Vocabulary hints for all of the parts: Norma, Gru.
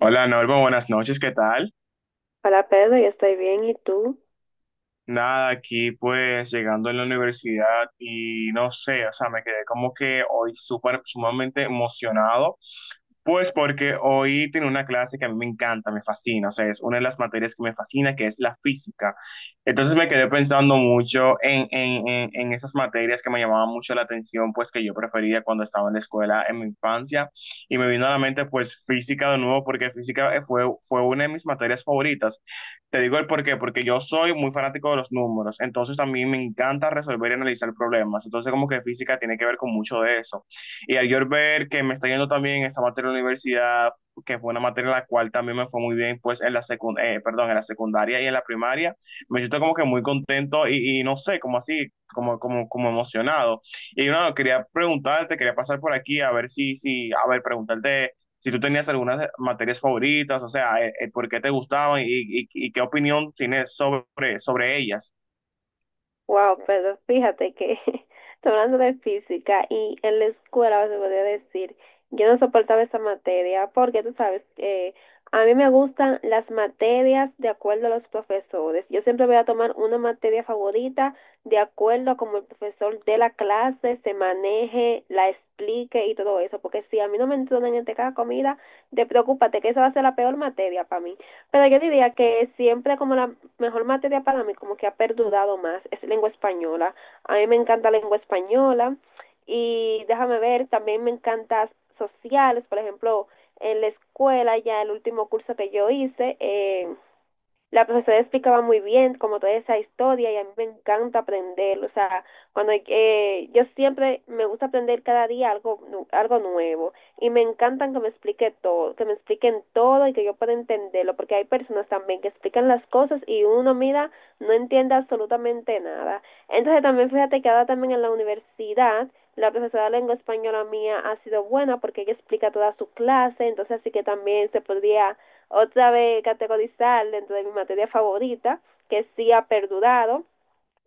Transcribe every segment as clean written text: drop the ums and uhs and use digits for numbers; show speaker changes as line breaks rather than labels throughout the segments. Hola Norma, buenas noches, ¿qué tal?
Hola Pedro, yo estoy bien, ¿y tú?
Nada, aquí pues llegando en la universidad y no sé, o sea, me quedé como que hoy súper sumamente emocionado, pues porque hoy tengo una clase que a mí me encanta, me fascina, o sea, es una de las materias que me fascina, que es la física. Entonces me quedé pensando mucho en esas materias que me llamaban mucho la atención, pues que yo prefería cuando estaba en la escuela en mi infancia, y me vino a la mente pues física de nuevo, porque física fue una de mis materias favoritas. Te digo el por qué, porque yo soy muy fanático de los números, entonces a mí me encanta resolver y analizar problemas, entonces como que física tiene que ver con mucho de eso. Y al yo ver que me está yendo también esa materia de la universidad, que fue una materia en la cual también me fue muy bien, pues en la perdón, en la secundaria y en la primaria, me siento como que muy contento y no sé, como así, como emocionado. Y no, quería preguntarte, quería pasar por aquí a ver a ver, preguntarte si tú tenías algunas materias favoritas, o sea, por qué te gustaban y qué opinión tienes sobre ellas.
Wow, Pedro, fíjate que estoy hablando de física y en la escuela se podría decir, yo no soportaba esa materia porque tú sabes, a mí me gustan las materias de acuerdo a los profesores. Yo siempre voy a tomar una materia favorita de acuerdo a cómo el profesor de la clase se maneje, la explique y todo eso, porque si a mí no me entrenan en esta comida, te preocúpate que esa va a ser la peor materia para mí. Pero yo diría que siempre como la mejor materia para mí, como que ha perdurado más, es lengua española. A mí me encanta lengua española y déjame ver, también me encanta sociales, por ejemplo, en la escuela ya el último curso que yo hice, la profesora explicaba muy bien como toda esa historia y a mí me encanta aprender, o sea, cuando yo siempre me gusta aprender cada día algo nuevo y me encantan que me explique todo, que me expliquen todo y que yo pueda entenderlo, porque hay personas también que explican las cosas y uno mira, no entiende absolutamente nada. Entonces también fíjate que ahora también en la universidad la profesora de lengua española mía ha sido buena porque ella explica toda su clase, entonces así que también se podría otra vez categorizar dentro de mi materia favorita, que sí ha perdurado,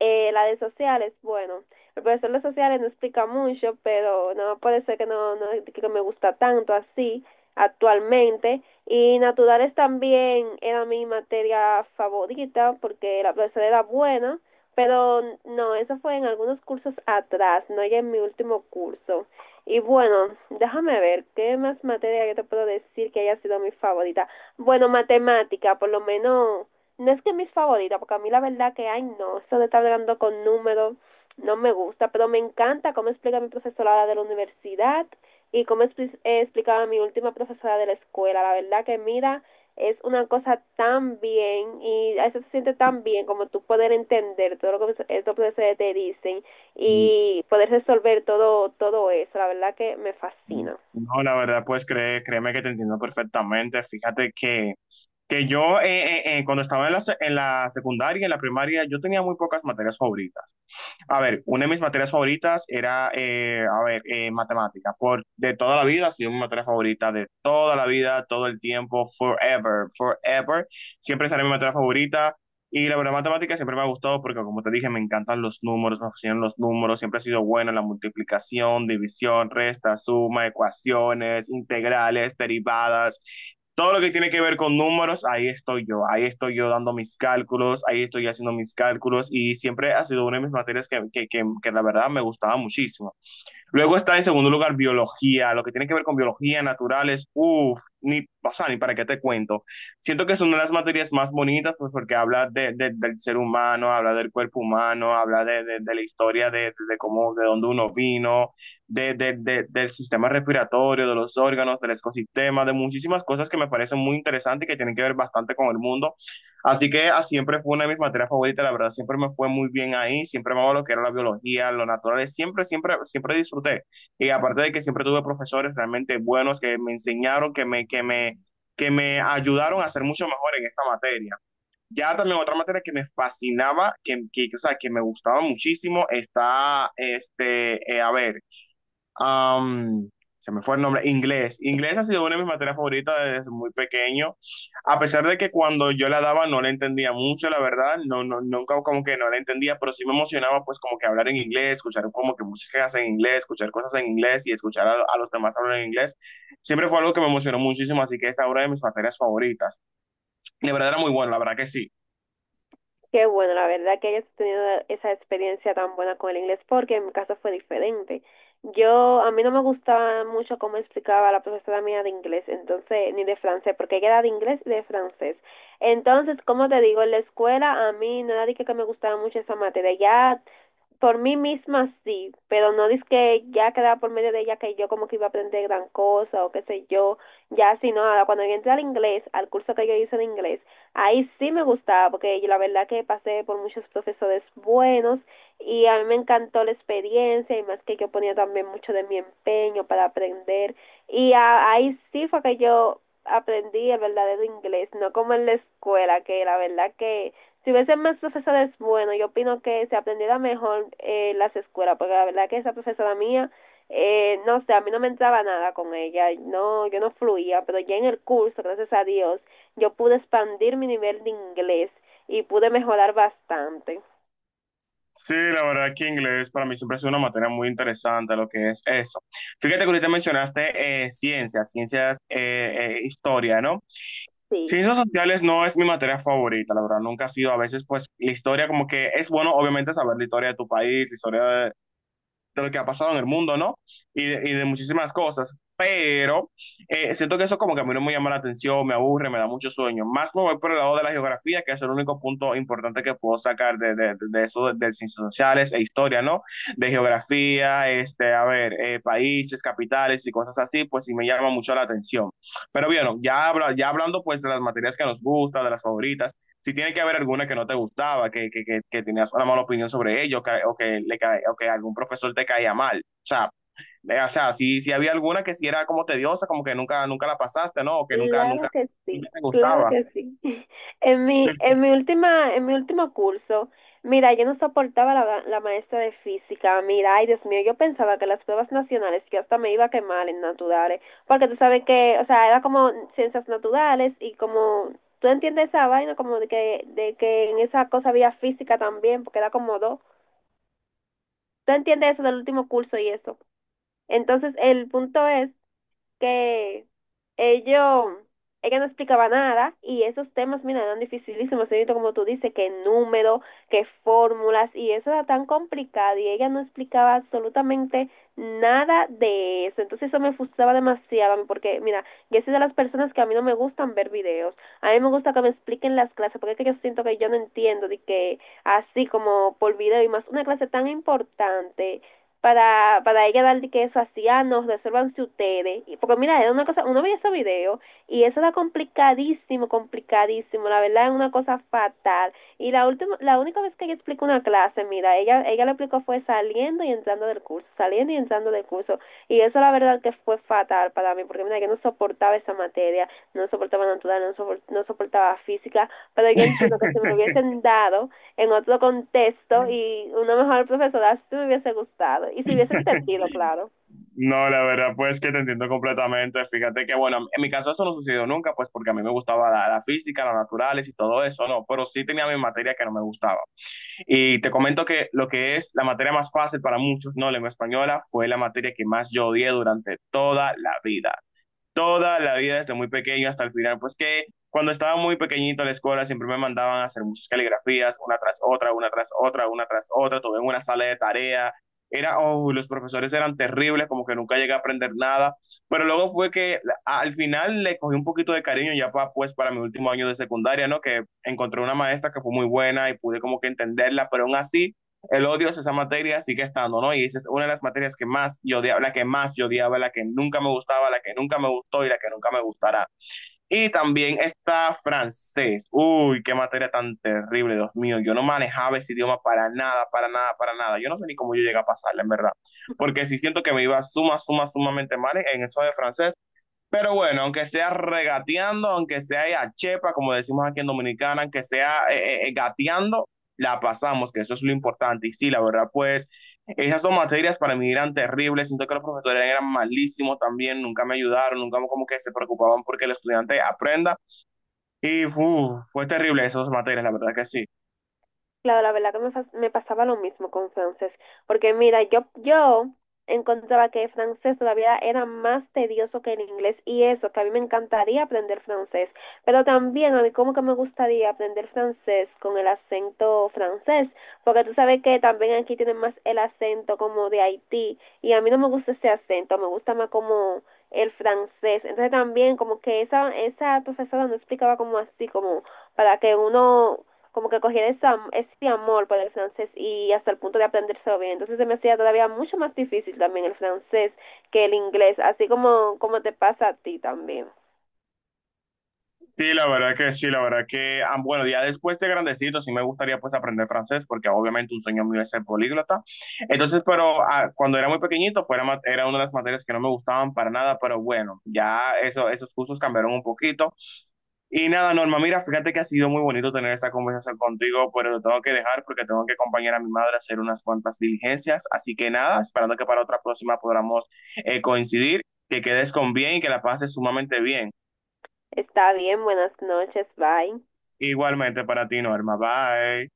la de sociales, bueno, el profesor de sociales no explica mucho, pero no puede ser que no que me gusta tanto así actualmente. Y naturales también era mi materia favorita porque la profesora era buena, pero no, eso fue en algunos cursos atrás, no ya en mi último curso. Y bueno, déjame ver, ¿qué más materia yo te puedo decir que haya sido mi favorita? Bueno, matemática, por lo menos no es que mis favoritas, porque a mí la verdad que, ay, no, eso de estar hablando con números no me gusta, pero me encanta cómo explica mi profesora de la universidad y explicaba mi última profesora de la escuela. La verdad que, mira, es una cosa tan bien y a eso se siente tan bien como tú poder entender todo lo que estos profesores te dicen
Mm,
y poder resolver todo, todo eso. La verdad que me
mm,
fascina.
no, la verdad, pues créeme que te entiendo perfectamente. Fíjate que yo cuando estaba en la, en la secundaria, en la primaria, yo tenía muy pocas materias favoritas. A ver, una de mis materias favoritas era, a ver, matemática. Por, de toda la vida, ha sido mi materia favorita de toda la vida, todo el tiempo, forever, forever. Siempre será mi materia favorita. Y la verdad, matemática siempre me ha gustado porque, como te dije, me encantan los números, me fascinan los números. Siempre ha sido buena la multiplicación, división, resta, suma, ecuaciones, integrales, derivadas. Todo lo que tiene que ver con números, ahí estoy yo dando mis cálculos, ahí estoy haciendo mis cálculos y siempre ha sido una de mis materias que la verdad me gustaba muchísimo. Luego está en segundo lugar biología, lo que tiene que ver con biología, naturales, uff, ni, o sea, ni para qué te cuento. Siento que es una de las materias más bonitas, pues porque habla del ser humano, habla del cuerpo humano, habla de la historia de cómo, de dónde uno vino, del sistema respiratorio, de los órganos, del ecosistema, de muchísimas cosas que me parecen muy interesantes y que tienen que ver bastante con el mundo. Así que ah, siempre fue una de mis materias favoritas, la verdad, siempre me fue muy bien ahí, siempre me lo que era la biología, lo natural, siempre, siempre, siempre disfruté. Y aparte de que siempre tuve profesores realmente buenos que me enseñaron, que me ayudaron a ser mucho mejor en esta materia. Ya también otra materia que me fascinaba, o sea, que me gustaba muchísimo, está, este, a ver am, se me fue el nombre, inglés. Inglés ha sido una de mis materias favoritas desde muy pequeño, a pesar de que cuando yo la daba no la entendía mucho, la verdad, nunca como que no la entendía, pero sí me emocionaba pues como que hablar en inglés, escuchar como que músicas en inglés, escuchar cosas en inglés y escuchar a los demás hablar en inglés. Siempre fue algo que me emocionó muchísimo, así que esta es una de mis materias favoritas. La verdad era muy bueno, la verdad que sí.
Qué bueno, la verdad que hayas tenido esa experiencia tan buena con el inglés, porque en mi caso fue diferente. Yo, a mí no me gustaba mucho cómo explicaba la profesora mía de inglés, entonces, ni de francés, porque ella era de inglés y de francés. Entonces, como te digo, en la escuela a mí no era de que me gustaba mucho esa materia. Ya por mí misma sí, pero no dice que ya quedaba por medio de ella que yo como que iba a aprender gran cosa o qué sé yo, ya sino ahora cuando yo entré al inglés, al curso que yo hice de inglés, ahí sí me gustaba porque yo la verdad que pasé por muchos profesores buenos y a mí me encantó la experiencia y más que yo ponía también mucho de mi empeño para aprender y ahí sí fue que yo aprendí el verdadero inglés, no como en la escuela que la verdad que si hubiesen más profesores bueno yo opino que se aprendiera mejor las escuelas, porque la verdad que esa profesora mía, no sé, a mí no me entraba nada con ella, no, yo no fluía, pero ya en el curso, gracias a Dios, yo pude expandir mi nivel de inglés y pude mejorar bastante.
Sí, la verdad que inglés para mí siempre ha sido una materia muy interesante, lo que es eso. Fíjate que ahorita mencionaste ciencias, historia, ¿no?
Sí.
Ciencias sociales no es mi materia favorita, la verdad, nunca ha sido. A veces, pues, la historia como que es bueno, obviamente, saber la historia de tu país, la historia de lo que ha pasado en el mundo, ¿no? Y de muchísimas cosas. Pero siento que eso como que a mí no me llama la atención, me aburre, me da mucho sueño. Más me voy por el lado de la geografía, que es el único punto importante que puedo sacar de eso, de ciencias sociales e historia, ¿no? De geografía, este, a ver, países, capitales y cosas así, pues sí me llama mucho la atención. Pero bueno, ya, ya hablando pues de las materias que nos gustan, de las favoritas si tiene que haber alguna que no te gustaba, que tenías una mala opinión sobre ellos, o, que, le cae o que algún profesor te caía mal. O sea, si había alguna que sí era como tediosa, como que nunca la pasaste, ¿no? O que
Claro que
nunca
sí,
te
claro
gustaba.
que sí. En mi último curso, mira, yo no soportaba la maestra de física. Mira, ay Dios mío, yo pensaba que las pruebas nacionales, yo hasta me iba a quemar en naturales, porque tú sabes que, o sea, era como ciencias naturales y como, tú entiendes esa vaina, como de que en esa cosa había física también, porque era como dos. Tú entiendes eso del último curso y eso. Entonces, el punto es que ellos, ella no explicaba nada y esos temas, mira, eran dificilísimos, señorito, como tú dices, que número, que fórmulas y eso era tan complicado y ella no explicaba absolutamente nada de eso. Entonces eso me frustraba demasiado a mí, porque, mira, yo soy de las personas que a mí no me gustan ver videos, a mí me gusta que me expliquen las clases porque es que yo siento que yo no entiendo de que así como por video y más una clase tan importante para ella darle que eso hacía, nos resuélvanse ustedes. Y, porque mira, era una cosa, uno veía esos videos y eso era complicadísimo, complicadísimo, la verdad es una cosa fatal. Y la última, la única vez que ella explicó una clase, mira, ella lo explicó fue saliendo y entrando del curso, saliendo y entrando del curso. Y eso la verdad que fue fatal para mí, porque mira, yo no soportaba esa materia, no soportaba natural, no soportaba física, pero yo entiendo que si me lo hubiesen dado, en otro contexto y una mejor profesora si me hubiese gustado y si hubiese entendido, claro.
No, la verdad, pues que te entiendo completamente. Fíjate que, bueno, en mi caso eso no sucedió nunca, pues porque a mí me gustaba la física, las naturales y todo eso, ¿no? Pero sí tenía mis materias que no me gustaba. Y te comento que lo que es la materia más fácil para muchos, no lengua española, fue la materia que más yo odié durante toda la vida desde muy pequeño hasta el final, pues que cuando estaba muy pequeñito en la escuela siempre me mandaban a hacer muchas caligrafías, una tras otra, una tras otra, una tras otra, todo en una sala de tarea. Era, oh, los profesores eran terribles, como que nunca llegué a aprender nada, pero luego fue que al final le cogí un poquito de cariño ya pues para mi último año de secundaria, ¿no? Que encontré una maestra que fue muy buena y pude como que entenderla, pero aún así el odio es esa materia sigue estando, ¿no? Y esa es una de las materias que más yo odiaba, la que más yo odiaba, la que nunca me gustaba, la que nunca me gustó y la que nunca me gustará. Y también está francés. Uy, qué materia tan terrible, Dios mío. Yo no manejaba ese idioma para nada, para nada, para nada. Yo no sé ni cómo yo llegué a pasarla, en verdad. Porque sí siento que me iba sumamente mal en eso de francés. Pero bueno, aunque sea regateando, aunque sea a chepa, como decimos aquí en Dominicana, aunque sea gateando, la pasamos, que eso es lo importante. Y sí, la verdad, pues esas dos materias para mí eran terribles. Siento que los profesores eran malísimos también, nunca me ayudaron, nunca como que se preocupaban porque el estudiante aprenda. Y uf, fue terrible esas dos materias, la verdad que sí.
Claro, la verdad que me pasaba lo mismo con francés, porque mira, yo encontraba que el francés todavía era más tedioso que el inglés y eso, que a mí me encantaría aprender francés, pero también a mí como que me gustaría aprender francés con el acento francés, porque tú sabes que también aquí tienen más el acento como de Haití y a mí no me gusta ese acento, me gusta más como el francés, entonces también como que esa profesora no explicaba como así, como para que uno como que cogían esa, ese amor por el francés y hasta el punto de aprendérselo bien. Entonces se me hacía todavía mucho más difícil también el francés que el inglés, así como, como te pasa a ti también.
Sí, la verdad que sí, la verdad que, ah, bueno, ya después de grandecito sí me gustaría pues aprender francés porque obviamente un sueño mío es ser políglota. Entonces, pero ah, cuando era muy pequeñito fuera, era una de las materias que no me gustaban para nada, pero bueno, ya eso, esos cursos cambiaron un poquito. Y nada, Norma, mira, fíjate que ha sido muy bonito tener esta conversación contigo, pero lo tengo que dejar porque tengo que acompañar a mi madre a hacer unas cuantas diligencias. Así que nada, esperando que para otra próxima podamos coincidir, que quedes con bien y que la pases sumamente bien.
Está bien, buenas noches, bye.
Igualmente para ti, Norma. Bye.